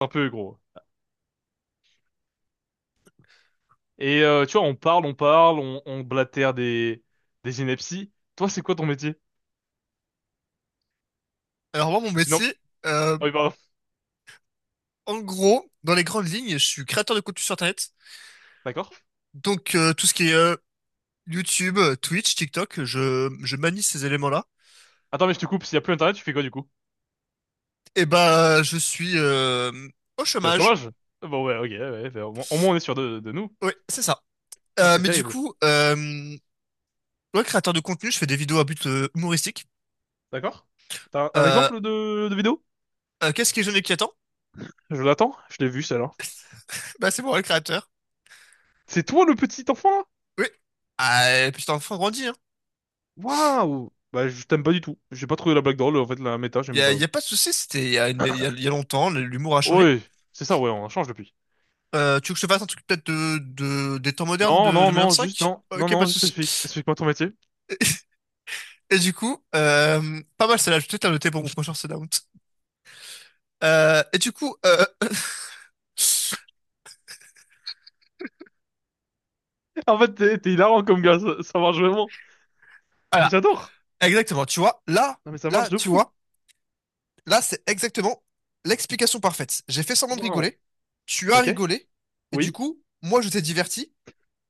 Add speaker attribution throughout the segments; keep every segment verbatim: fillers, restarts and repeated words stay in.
Speaker 1: Un peu gros. Et euh, tu vois, on parle, on parle, on, on blatère des, des inepties. Toi, c'est quoi ton métier?
Speaker 2: Alors moi, mon
Speaker 1: Sinon,
Speaker 2: métier, euh,
Speaker 1: oh, oui, pardon.
Speaker 2: en gros, dans les grandes lignes, je suis créateur de contenu sur Internet.
Speaker 1: D'accord.
Speaker 2: Donc euh, tout ce qui est euh, YouTube, euh, Twitch, TikTok, je, je manie ces éléments-là.
Speaker 1: Attends, mais je te coupe, s'il y a plus internet, tu fais quoi du coup?
Speaker 2: Et bah je suis euh, au
Speaker 1: T'es au
Speaker 2: chômage.
Speaker 1: chômage? Bon, ouais, ok, ouais, bah, au moins, au moins, on est sûr de, de nous.
Speaker 2: Oui, c'est ça.
Speaker 1: Ah,
Speaker 2: Euh,
Speaker 1: c'est
Speaker 2: mais du
Speaker 1: terrible.
Speaker 2: coup, euh, ouais, créateur de contenu, je fais des vidéos à but euh, humoristique.
Speaker 1: D'accord. T'as un, un
Speaker 2: Euh,
Speaker 1: exemple de, de vidéo?
Speaker 2: euh, qu'est-ce qui est jeune et qui attend?
Speaker 1: Je l'attends, je l'ai vu celle-là.
Speaker 2: Bah c'est moi le créateur.
Speaker 1: C'est toi le petit enfant là?
Speaker 2: Oui. Ah, et puis c'est un enfant grandi, hein.
Speaker 1: Waouh! Bah, je t'aime pas du tout. J'ai pas trouvé la blague drôle, en fait, la méta,
Speaker 2: Il y
Speaker 1: j'aimais
Speaker 2: a,
Speaker 1: pas.
Speaker 2: y a pas de souci, c'était il y a, une- y a, y a longtemps, l'humour a changé.
Speaker 1: Oui, c'est ça, ouais, on change depuis.
Speaker 2: Euh, tu veux que je te fasse un truc peut-être de, de, des temps modernes
Speaker 1: Non,
Speaker 2: de
Speaker 1: non, non, juste,
Speaker 2: deux mille vingt-cinq?
Speaker 1: non, non,
Speaker 2: Ok, pas
Speaker 1: non,
Speaker 2: de
Speaker 1: juste
Speaker 2: souci.
Speaker 1: explique. Explique-moi ton métier.
Speaker 2: Et du coup, euh, pas mal celle-là, je vais peut-être la noter pour mon prochain Sundown. Euh, et du coup, euh,
Speaker 1: En fait, t'es t'es hilarant comme gars, ça, ça marche vraiment.
Speaker 2: voilà,
Speaker 1: J'adore.
Speaker 2: exactement, tu vois, là,
Speaker 1: Non mais ça marche
Speaker 2: là,
Speaker 1: de
Speaker 2: tu
Speaker 1: fou.
Speaker 2: vois, là, c'est exactement l'explication parfaite. J'ai fait semblant de
Speaker 1: Waouh.
Speaker 2: rigoler, tu as
Speaker 1: Ok.
Speaker 2: rigolé, et du
Speaker 1: Oui.
Speaker 2: coup, moi, je t'ai diverti,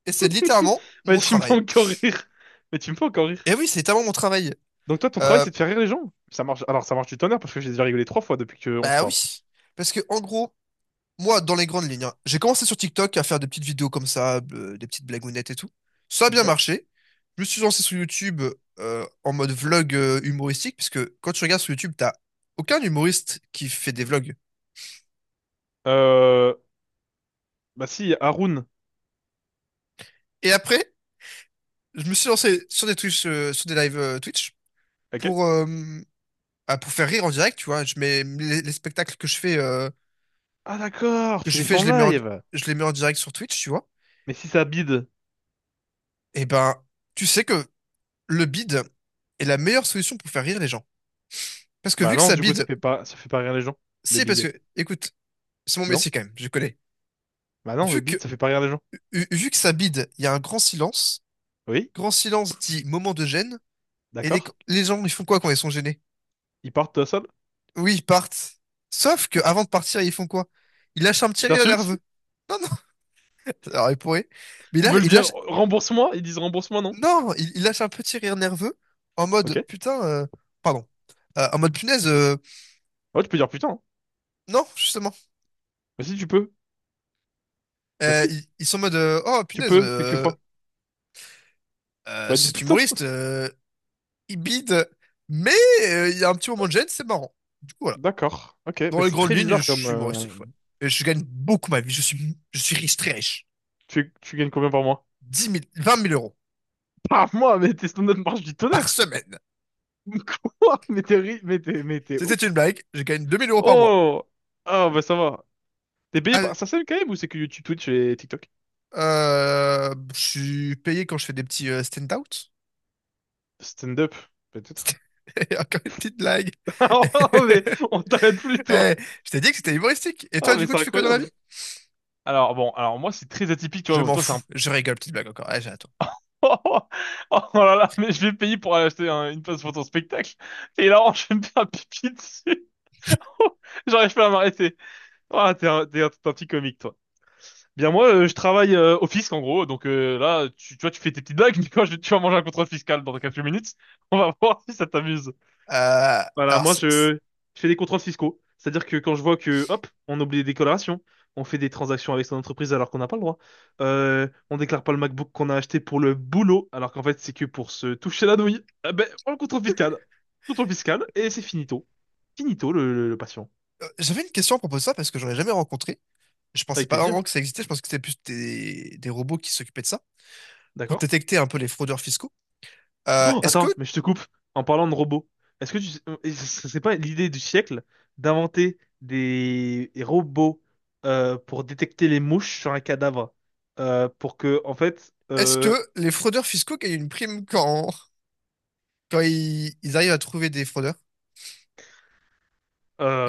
Speaker 2: et c'est littéralement
Speaker 1: Mais
Speaker 2: mon
Speaker 1: tu me fais
Speaker 2: travail.
Speaker 1: encore rire. Mais tu me fais encore rire.
Speaker 2: Et oui, c'est littéralement mon travail.
Speaker 1: Donc toi, ton travail,
Speaker 2: Euh,
Speaker 1: c'est de faire rire les gens? Ça marche. Alors ça marche du tonnerre parce que j'ai déjà rigolé trois fois depuis qu'on se
Speaker 2: bah
Speaker 1: parle.
Speaker 2: oui, parce que en gros, moi, dans les grandes lignes, hein, j'ai commencé sur TikTok à faire des petites vidéos comme ça, euh, des petites blagounettes et tout. Ça a bien
Speaker 1: Ok.
Speaker 2: marché. Je me suis lancé sur YouTube euh, en mode vlog euh, humoristique, puisque quand tu regardes sur YouTube, t'as aucun humoriste qui fait des vlogs.
Speaker 1: Euh... Bah si, Haroun.
Speaker 2: Et après, je me suis lancé sur des Twitch, euh, sur des lives euh, Twitch
Speaker 1: Ok.
Speaker 2: pour, euh, ah, pour faire rire en direct, tu vois. Je mets les, les spectacles que je fais, euh,
Speaker 1: Ah d'accord,
Speaker 2: que
Speaker 1: tu
Speaker 2: je
Speaker 1: les fais
Speaker 2: fais,
Speaker 1: en
Speaker 2: je les mets en,
Speaker 1: live.
Speaker 2: je les mets en direct sur Twitch, tu vois.
Speaker 1: Mais si ça bide.
Speaker 2: Et ben, tu sais que le bid est la meilleure solution pour faire rire les gens. Parce que
Speaker 1: Bah
Speaker 2: vu que
Speaker 1: non,
Speaker 2: ça
Speaker 1: du coup, ça
Speaker 2: bide,
Speaker 1: fait pas, ça fait pas rire les gens. Le
Speaker 2: c'est parce que,
Speaker 1: bide.
Speaker 2: écoute, c'est mon
Speaker 1: Non?
Speaker 2: métier quand même, je connais.
Speaker 1: Bah non, le
Speaker 2: Vu que,
Speaker 1: bide, ça fait pas rire les gens.
Speaker 2: vu vu que ça bide, il y a un grand silence.
Speaker 1: Oui?
Speaker 2: Grand silence dit moment de gêne. Et les,
Speaker 1: D'accord.
Speaker 2: les gens, ils font quoi quand ils sont gênés?
Speaker 1: Ils partent seuls.
Speaker 2: Oui, ils partent. Sauf que avant de partir, ils font quoi? Ils lâchent un petit
Speaker 1: Ils
Speaker 2: rire
Speaker 1: t'insultent.
Speaker 2: nerveux. Non, non, alors ils pourraient. Mais
Speaker 1: Ils
Speaker 2: là,
Speaker 1: veulent
Speaker 2: ils
Speaker 1: dire
Speaker 2: lâchent,
Speaker 1: rembourse-moi. Ils disent rembourse-moi, non?
Speaker 2: non, ils, ils lâchent un petit rire nerveux en mode,
Speaker 1: Ok.
Speaker 2: putain, euh, pardon. Euh, en mode, punaise, euh,
Speaker 1: Ouais, tu peux dire putain. Hein.
Speaker 2: non, justement.
Speaker 1: Bah si, tu peux. Bah
Speaker 2: Euh,
Speaker 1: si,
Speaker 2: ils, ils sont en mode, euh, oh,
Speaker 1: tu
Speaker 2: punaise,
Speaker 1: peux,
Speaker 2: euh,
Speaker 1: quelquefois.
Speaker 2: euh,
Speaker 1: Bah dis
Speaker 2: cet
Speaker 1: putain.
Speaker 2: humoriste, euh, il bide, mais euh, il y a un petit moment de gêne, c'est marrant. Du coup, voilà.
Speaker 1: D'accord. Ok,
Speaker 2: Dans
Speaker 1: bah
Speaker 2: les
Speaker 1: c'est
Speaker 2: grandes
Speaker 1: très
Speaker 2: lignes, je
Speaker 1: bizarre comme...
Speaker 2: suis humoriste.
Speaker 1: euh,
Speaker 2: Ouais. Et je gagne beaucoup ma vie. Je suis, je suis riche, très riche.
Speaker 1: Tu, tu gagnes combien par mois?
Speaker 2: Dix mille, vingt mille euros
Speaker 1: Par mois, mais tes stand-up marche du
Speaker 2: par
Speaker 1: tonnerre.
Speaker 2: semaine.
Speaker 1: Quoi? Mais t'es ri... mais t'es, mais t'es
Speaker 2: C'était
Speaker 1: ouf.
Speaker 2: une blague. Je gagne deux mille euros par mois.
Speaker 1: Oh! Ah bah ça va. T'es payé par
Speaker 2: Allez,
Speaker 1: SACEM quand même ou c'est que YouTube, Twitch et TikTok?
Speaker 2: euh, je suis payé quand je fais des petits euh, stand-out.
Speaker 1: Stand-up, peut-être.
Speaker 2: Et encore une petite blague.
Speaker 1: Ah mais on t'arrête plus toi.
Speaker 2: Eh, je t'ai dit que c'était humoristique. Et
Speaker 1: Ah
Speaker 2: toi, du
Speaker 1: mais
Speaker 2: coup,
Speaker 1: c'est
Speaker 2: tu fais quoi dans la vie?
Speaker 1: incroyable. Alors bon, alors moi c'est très atypique, tu
Speaker 2: Je
Speaker 1: vois.
Speaker 2: m'en
Speaker 1: Toi c'est
Speaker 2: fous.
Speaker 1: un
Speaker 2: Je rigole, petite blague encore. Allez, j'ai à toi.
Speaker 1: Oh, oh, oh là là, mais je vais payer pour aller acheter un- une place pour ton spectacle. Et là, je vais me faire pipi dessus. J'arrive pas à m'arrêter. Ah, t'es un, t'es un, t'es un petit comique, toi. Bien, moi, euh, je travaille euh, au fisc, en gros. Donc euh, là, tu, tu vois, tu fais tes petites blagues, mais quand je, tu vas manger un contrôle fiscal dans quelques minutes, on va voir si ça t'amuse.
Speaker 2: Euh,
Speaker 1: Voilà,
Speaker 2: alors,
Speaker 1: moi
Speaker 2: c'est- c'est-
Speaker 1: je, je fais des contrôles fiscaux. C'est-à-dire que quand je vois que, hop, on oublie des déclarations, on fait des transactions avec son entreprise alors qu'on n'a pas le droit, euh, on déclare pas le MacBook qu'on a acheté pour le boulot alors qu'en fait c'est que pour se toucher la nouille, eh ben, on le contrôle fiscal. Contrôle fiscal et c'est finito. Finito le, le- le patient.
Speaker 2: euh, j'avais une question à propos de ça parce que j'aurais jamais rencontré. Je pensais
Speaker 1: Avec
Speaker 2: pas
Speaker 1: plaisir,
Speaker 2: vraiment que ça existait. Je pense que c'était plus des, des robots qui s'occupaient de ça pour
Speaker 1: d'accord?
Speaker 2: détecter un peu les fraudeurs fiscaux. Euh,
Speaker 1: Oh,
Speaker 2: est-ce que
Speaker 1: attends, mais je te coupe. En parlant de robots, est-ce que tu sais- euh, ce serait pas l'idée du siècle d'inventer des des robots euh, pour détecter les mouches sur un cadavre euh, pour que en fait
Speaker 2: Est-ce que
Speaker 1: euh,
Speaker 2: les fraudeurs fiscaux gagnent une prime quand, quand ils, ils arrivent à trouver des fraudeurs?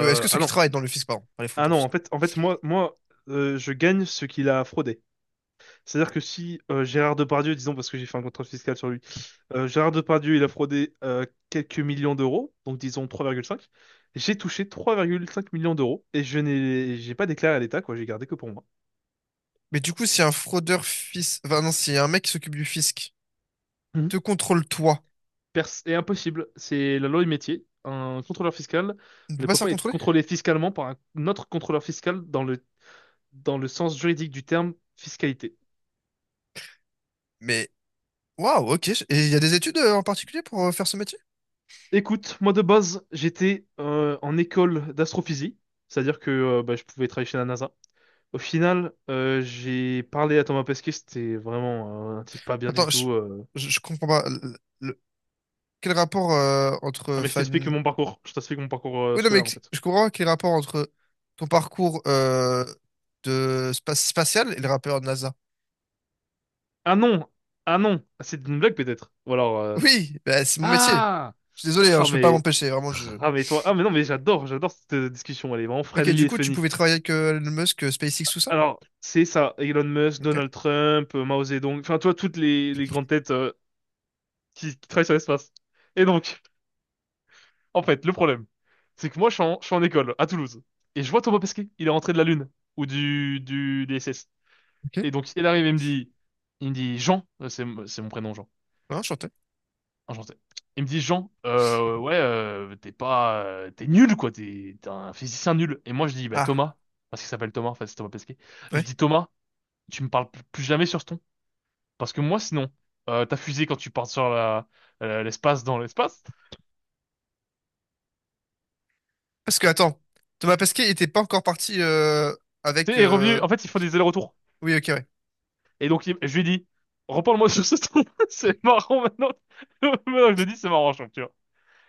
Speaker 2: Euh, Est-ce que ceux
Speaker 1: ah
Speaker 2: qui
Speaker 1: non,
Speaker 2: travaillent dans le fisc, pardon, pas les
Speaker 1: ah
Speaker 2: fraudeurs
Speaker 1: non en
Speaker 2: fiscaux.
Speaker 1: fait en fait moi moi euh, je gagne ce qu'il a fraudé. C'est-à-dire que si euh, Gérard Depardieu, disons, parce que j'ai fait un contrôle fiscal sur lui, euh, Gérard Depardieu, il a fraudé euh, quelques millions d'euros, donc disons trois virgule cinq, j'ai touché trois virgule cinq millions d'euros et je n'ai j'ai pas déclaré à l'État, quoi, j'ai gardé que pour moi.
Speaker 2: Mais du coup, si un fraudeur fisc, enfin non, si un mec qui s'occupe du fisc
Speaker 1: Mhm.
Speaker 2: te contrôle toi,
Speaker 1: Pers- est impossible, c'est la loi du métier. Un contrôleur fiscal
Speaker 2: il ne peut
Speaker 1: ne
Speaker 2: pas
Speaker 1: peut
Speaker 2: se faire
Speaker 1: pas être
Speaker 2: contrôler?
Speaker 1: contrôlé fiscalement par un autre contrôleur fiscal dans le, dans le sens juridique du terme fiscalité.
Speaker 2: Mais Waouh, ok. Et il y a des études euh, en particulier pour euh, faire ce métier?
Speaker 1: Écoute, moi de base, j'étais euh, en école d'astrophysique, c'est-à-dire que euh, bah, je pouvais travailler chez la NASA. Au final, euh, j'ai parlé à Thomas Pesquet, c'était vraiment euh, un type pas bien du
Speaker 2: Attends, je,
Speaker 1: tout. Euh.
Speaker 2: je, je comprends pas. Le- le- quel rapport euh,
Speaker 1: Ah
Speaker 2: entre
Speaker 1: mais je
Speaker 2: faire
Speaker 1: t'explique
Speaker 2: une-
Speaker 1: mon parcours, je t'explique mon parcours euh,
Speaker 2: oui, non, mais
Speaker 1: scolaire en fait.
Speaker 2: je comprends pas quel rapport entre ton parcours euh, de spa- spatial et le rappeur de NASA.
Speaker 1: Ah non, ah non, Ah, c'est une blague peut-être. Ou alors, euh,
Speaker 2: Oui, bah, c'est mon métier.
Speaker 1: ah,
Speaker 2: Je suis désolé, hein,
Speaker 1: ah
Speaker 2: je peux pas
Speaker 1: mais,
Speaker 2: m'empêcher, vraiment. Je...
Speaker 1: ah mais toi, ah mais non mais j'adore, j'adore cette euh, discussion, elle est vraiment
Speaker 2: Ok,
Speaker 1: friendly
Speaker 2: du
Speaker 1: et
Speaker 2: coup, tu
Speaker 1: funny.
Speaker 2: pouvais travailler avec euh, Elon Musk, euh, SpaceX, tout ça?
Speaker 1: Alors c'est ça, Elon Musk,
Speaker 2: Ok,
Speaker 1: Donald Trump, euh, Mao Zedong, enfin toi toutes les, les grandes têtes euh, qui, qui travaillent sur l'espace. Et donc. En fait, le problème, c'est que moi, je suis en, je suis en école à Toulouse et je vois Thomas Pesquet. Il est rentré de la Lune ou du du des S S.
Speaker 2: ok.
Speaker 1: Et donc, il arrive et il me dit, il me dit Jean, euh, c'est c'est mon prénom Jean,
Speaker 2: Ah, enchanté.
Speaker 1: enchanté. Il me dit Jean, euh, ouais, euh, t'es pas, euh, t'es nul quoi, t'es t'es un physicien nul. Et moi, je dis bah
Speaker 2: Ah,
Speaker 1: Thomas, parce qu'il s'appelle Thomas, enfin c'est Thomas Pesquet. Je
Speaker 2: ouais.
Speaker 1: dis Thomas, tu me parles plus plus jamais sur ce ton, parce que moi, sinon, euh, ta fusée quand tu pars sur la euh, l'espace dans l'espace,
Speaker 2: Parce que, attends, Thomas Pesquet était pas encore parti euh,
Speaker 1: tu
Speaker 2: avec...
Speaker 1: sais, est
Speaker 2: euh,
Speaker 1: revenu. En fait, il faut des allers-retours.
Speaker 2: oui, ok, ouais.
Speaker 1: Et donc, il- je lui ai dit, reparle-moi sur ce ton, c'est marrant maintenant. Maintenant, je le dis, c'est marrant, je trouve, tu vois.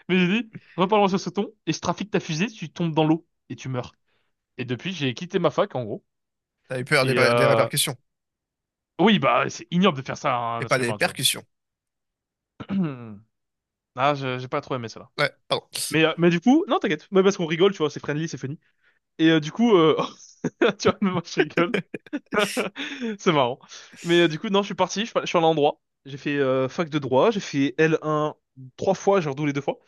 Speaker 1: Mais j'ai dit, reparle-moi sur ce ton, et je trafique ta fusée, tu tombes dans l'eau, et tu meurs. Et depuis, j'ai quitté ma fac, en gros.
Speaker 2: T'as eu peur des,
Speaker 1: Et
Speaker 2: des
Speaker 1: euh,
Speaker 2: répercussions.
Speaker 1: oui, bah, c'est ignoble de faire ça à
Speaker 2: Et
Speaker 1: un
Speaker 2: pas
Speaker 1: être
Speaker 2: des
Speaker 1: humain, tu vois.
Speaker 2: percussions.
Speaker 1: Ah, je- j'ai pas trop aimé ça, là.
Speaker 2: Ouais, pardon.
Speaker 1: Mais, euh, mais du coup, non, t'inquiète, mais parce qu'on rigole, tu vois, c'est friendly, c'est funny. Et euh, du coup, euh, tu vois, moi, je rigole. C'est marrant. Mais euh, du coup, non, je suis parti, je suis je suis allé en droit. J'ai fait euh, fac de droit, j'ai fait L un trois fois, j'ai redoublé deux fois.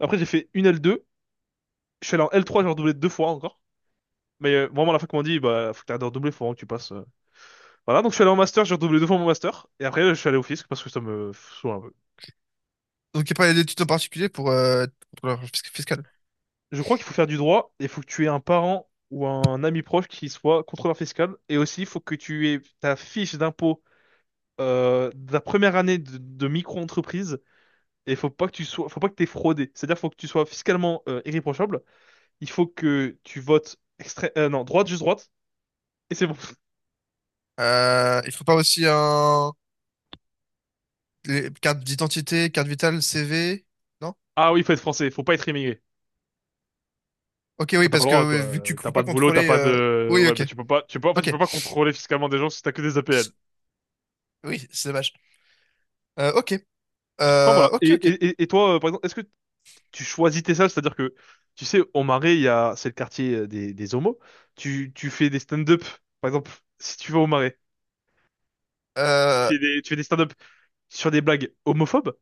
Speaker 1: Après, j'ai fait une L deux, je suis allé en L trois, j'ai redoublé deux fois encore. Mais euh, vraiment, à la fac m'a dit, bah, faut que t'arrêtes de redoubler, faut vraiment que tu passes. Euh. Voilà, donc je suis allé en master, j'ai redoublé deux fois mon master. Et après, je suis allé au fisc parce que ça me saoule un peu.
Speaker 2: Donc, il n'y a pas d'études en particulier pour euh, être contrôleur fisc- fiscal.
Speaker 1: Je crois qu'il faut faire du droit et il faut que tu aies un parent ou un ami proche qui soit contrôleur fiscal. Et aussi, il faut que tu aies ta fiche d'impôt euh, de la première année de, de micro-entreprise. Et faut pas que tu sois, faut pas que t'aies fraudé. C'est-à-dire, faut que tu sois fiscalement euh, irréprochable. Il faut que tu votes extré- euh, non, droite, juste droite. Et c'est bon.
Speaker 2: Euh, il faut pas aussi un... les cartes d'identité, carte vitale, C V, non?
Speaker 1: Ah oui, faut être français. Faut pas être immigré.
Speaker 2: Ok, oui,
Speaker 1: Enfin, t'as pas
Speaker 2: parce
Speaker 1: le
Speaker 2: que
Speaker 1: droit, quoi.
Speaker 2: oui, vu que tu
Speaker 1: Euh,
Speaker 2: peux
Speaker 1: T'as
Speaker 2: pas
Speaker 1: pas de boulot, t'as
Speaker 2: contrôler...
Speaker 1: pas
Speaker 2: euh,
Speaker 1: de,
Speaker 2: oui,
Speaker 1: ouais,
Speaker 2: ok,
Speaker 1: bah, tu peux pas, tu peux, en fait, tu
Speaker 2: ok.
Speaker 1: peux pas contrôler fiscalement des gens si t'as que des A P L.
Speaker 2: Oui, c'est dommage. Euh, ok,
Speaker 1: Enfin,
Speaker 2: euh,
Speaker 1: voilà. Et,
Speaker 2: ok, ok.
Speaker 1: et, et- et toi, euh, par exemple, est-ce que tu choisis tes salles? C'est-à-dire que, tu sais, au Marais, il y a, c'est le quartier euh, des, des homos. Tu, tu fais des stand-up. Par exemple, si tu vas au Marais, tu
Speaker 2: Euh,
Speaker 1: fais des, tu fais des stand-up sur des blagues homophobes.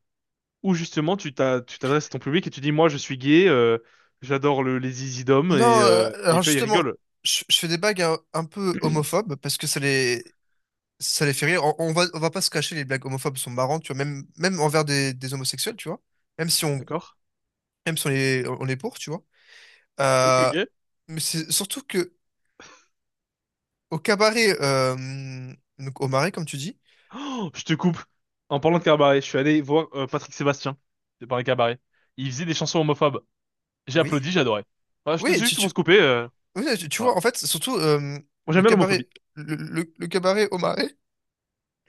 Speaker 1: Où justement tu t'as- tu t'adresses à ton public et tu dis, moi je suis gay, euh, j'adore le- les easy dom
Speaker 2: non,
Speaker 1: et,
Speaker 2: euh,
Speaker 1: euh, et
Speaker 2: alors
Speaker 1: tu vois, ils
Speaker 2: justement,
Speaker 1: rigolent.
Speaker 2: je, je fais des blagues un, un peu homophobes parce que ça les, ça les fait rire. On, on va, on va pas se cacher, les blagues homophobes sont marrantes, tu vois, même, même envers des, des homosexuels, tu vois. Même si on,
Speaker 1: D'accord?
Speaker 2: même si on est, on est pour, tu vois.
Speaker 1: Ok.
Speaker 2: Euh,
Speaker 1: Ok.
Speaker 2: mais c'est surtout que au cabaret, euh, donc au marais, comme tu dis,
Speaker 1: Oh, je te coupe. En parlant de cabaret, je suis allé voir euh, Patrick Sébastien. C'est par un cabaret. Il faisait des chansons homophobes. J'ai
Speaker 2: oui,
Speaker 1: applaudi, j'adorais. Voilà, je te
Speaker 2: oui,
Speaker 1: suis
Speaker 2: tu,
Speaker 1: juste pour
Speaker 2: tu,
Speaker 1: se couper. Euh,
Speaker 2: oui, tu, tu vois, en
Speaker 1: voilà.
Speaker 2: fait, surtout euh,
Speaker 1: Moi
Speaker 2: le
Speaker 1: j'aime bien l'homophobie.
Speaker 2: cabaret, le, le- le cabaret au marais,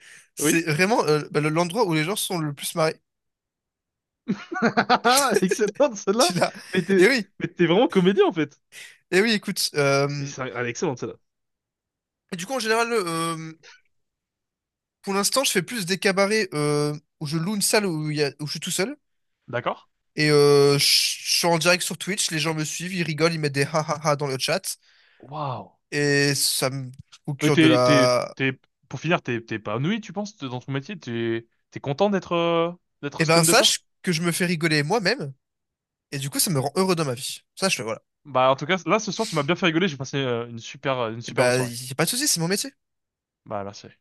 Speaker 2: c'est
Speaker 1: Oui.
Speaker 2: vraiment euh, bah, le- l'endroit où les gens sont le plus marrés.
Speaker 1: Excellente
Speaker 2: Tu
Speaker 1: celle-là.
Speaker 2: l'as.
Speaker 1: Mais t'es
Speaker 2: Et oui,
Speaker 1: mais t'es vraiment comédien en fait.
Speaker 2: et oui, écoute. euh,
Speaker 1: Mais c'est, elle est excellente celle-là.
Speaker 2: et du coup, en général, euh, pour l'instant, je fais plus des cabarets euh, où je loue une salle où, il y a, où je suis tout seul.
Speaker 1: D'accord?
Speaker 2: Et euh, je je suis en direct sur Twitch, les gens me suivent, ils rigolent, ils mettent des ha ha ha dans le chat.
Speaker 1: Waouh.
Speaker 2: Et ça me
Speaker 1: Mais
Speaker 2: procure de
Speaker 1: t'es, t'es,
Speaker 2: la...
Speaker 1: t'es, pour finir, t'es, t'es pas ennuyé, tu penses, dans ton métier? T'es, t'es content d'être, euh, d'être
Speaker 2: Eh ben,
Speaker 1: stand-upper?
Speaker 2: sache que je me fais rigoler moi-même, et du coup, ça me rend heureux dans ma vie. Sache-le, voilà.
Speaker 1: Bah, en tout cas, là, ce soir, tu m'as bien fait rigoler, j'ai passé, euh, une super, euh, une
Speaker 2: Et
Speaker 1: superbe
Speaker 2: ben,
Speaker 1: soirée.
Speaker 2: y a pas de souci, c'est mon métier.
Speaker 1: Bah, merci.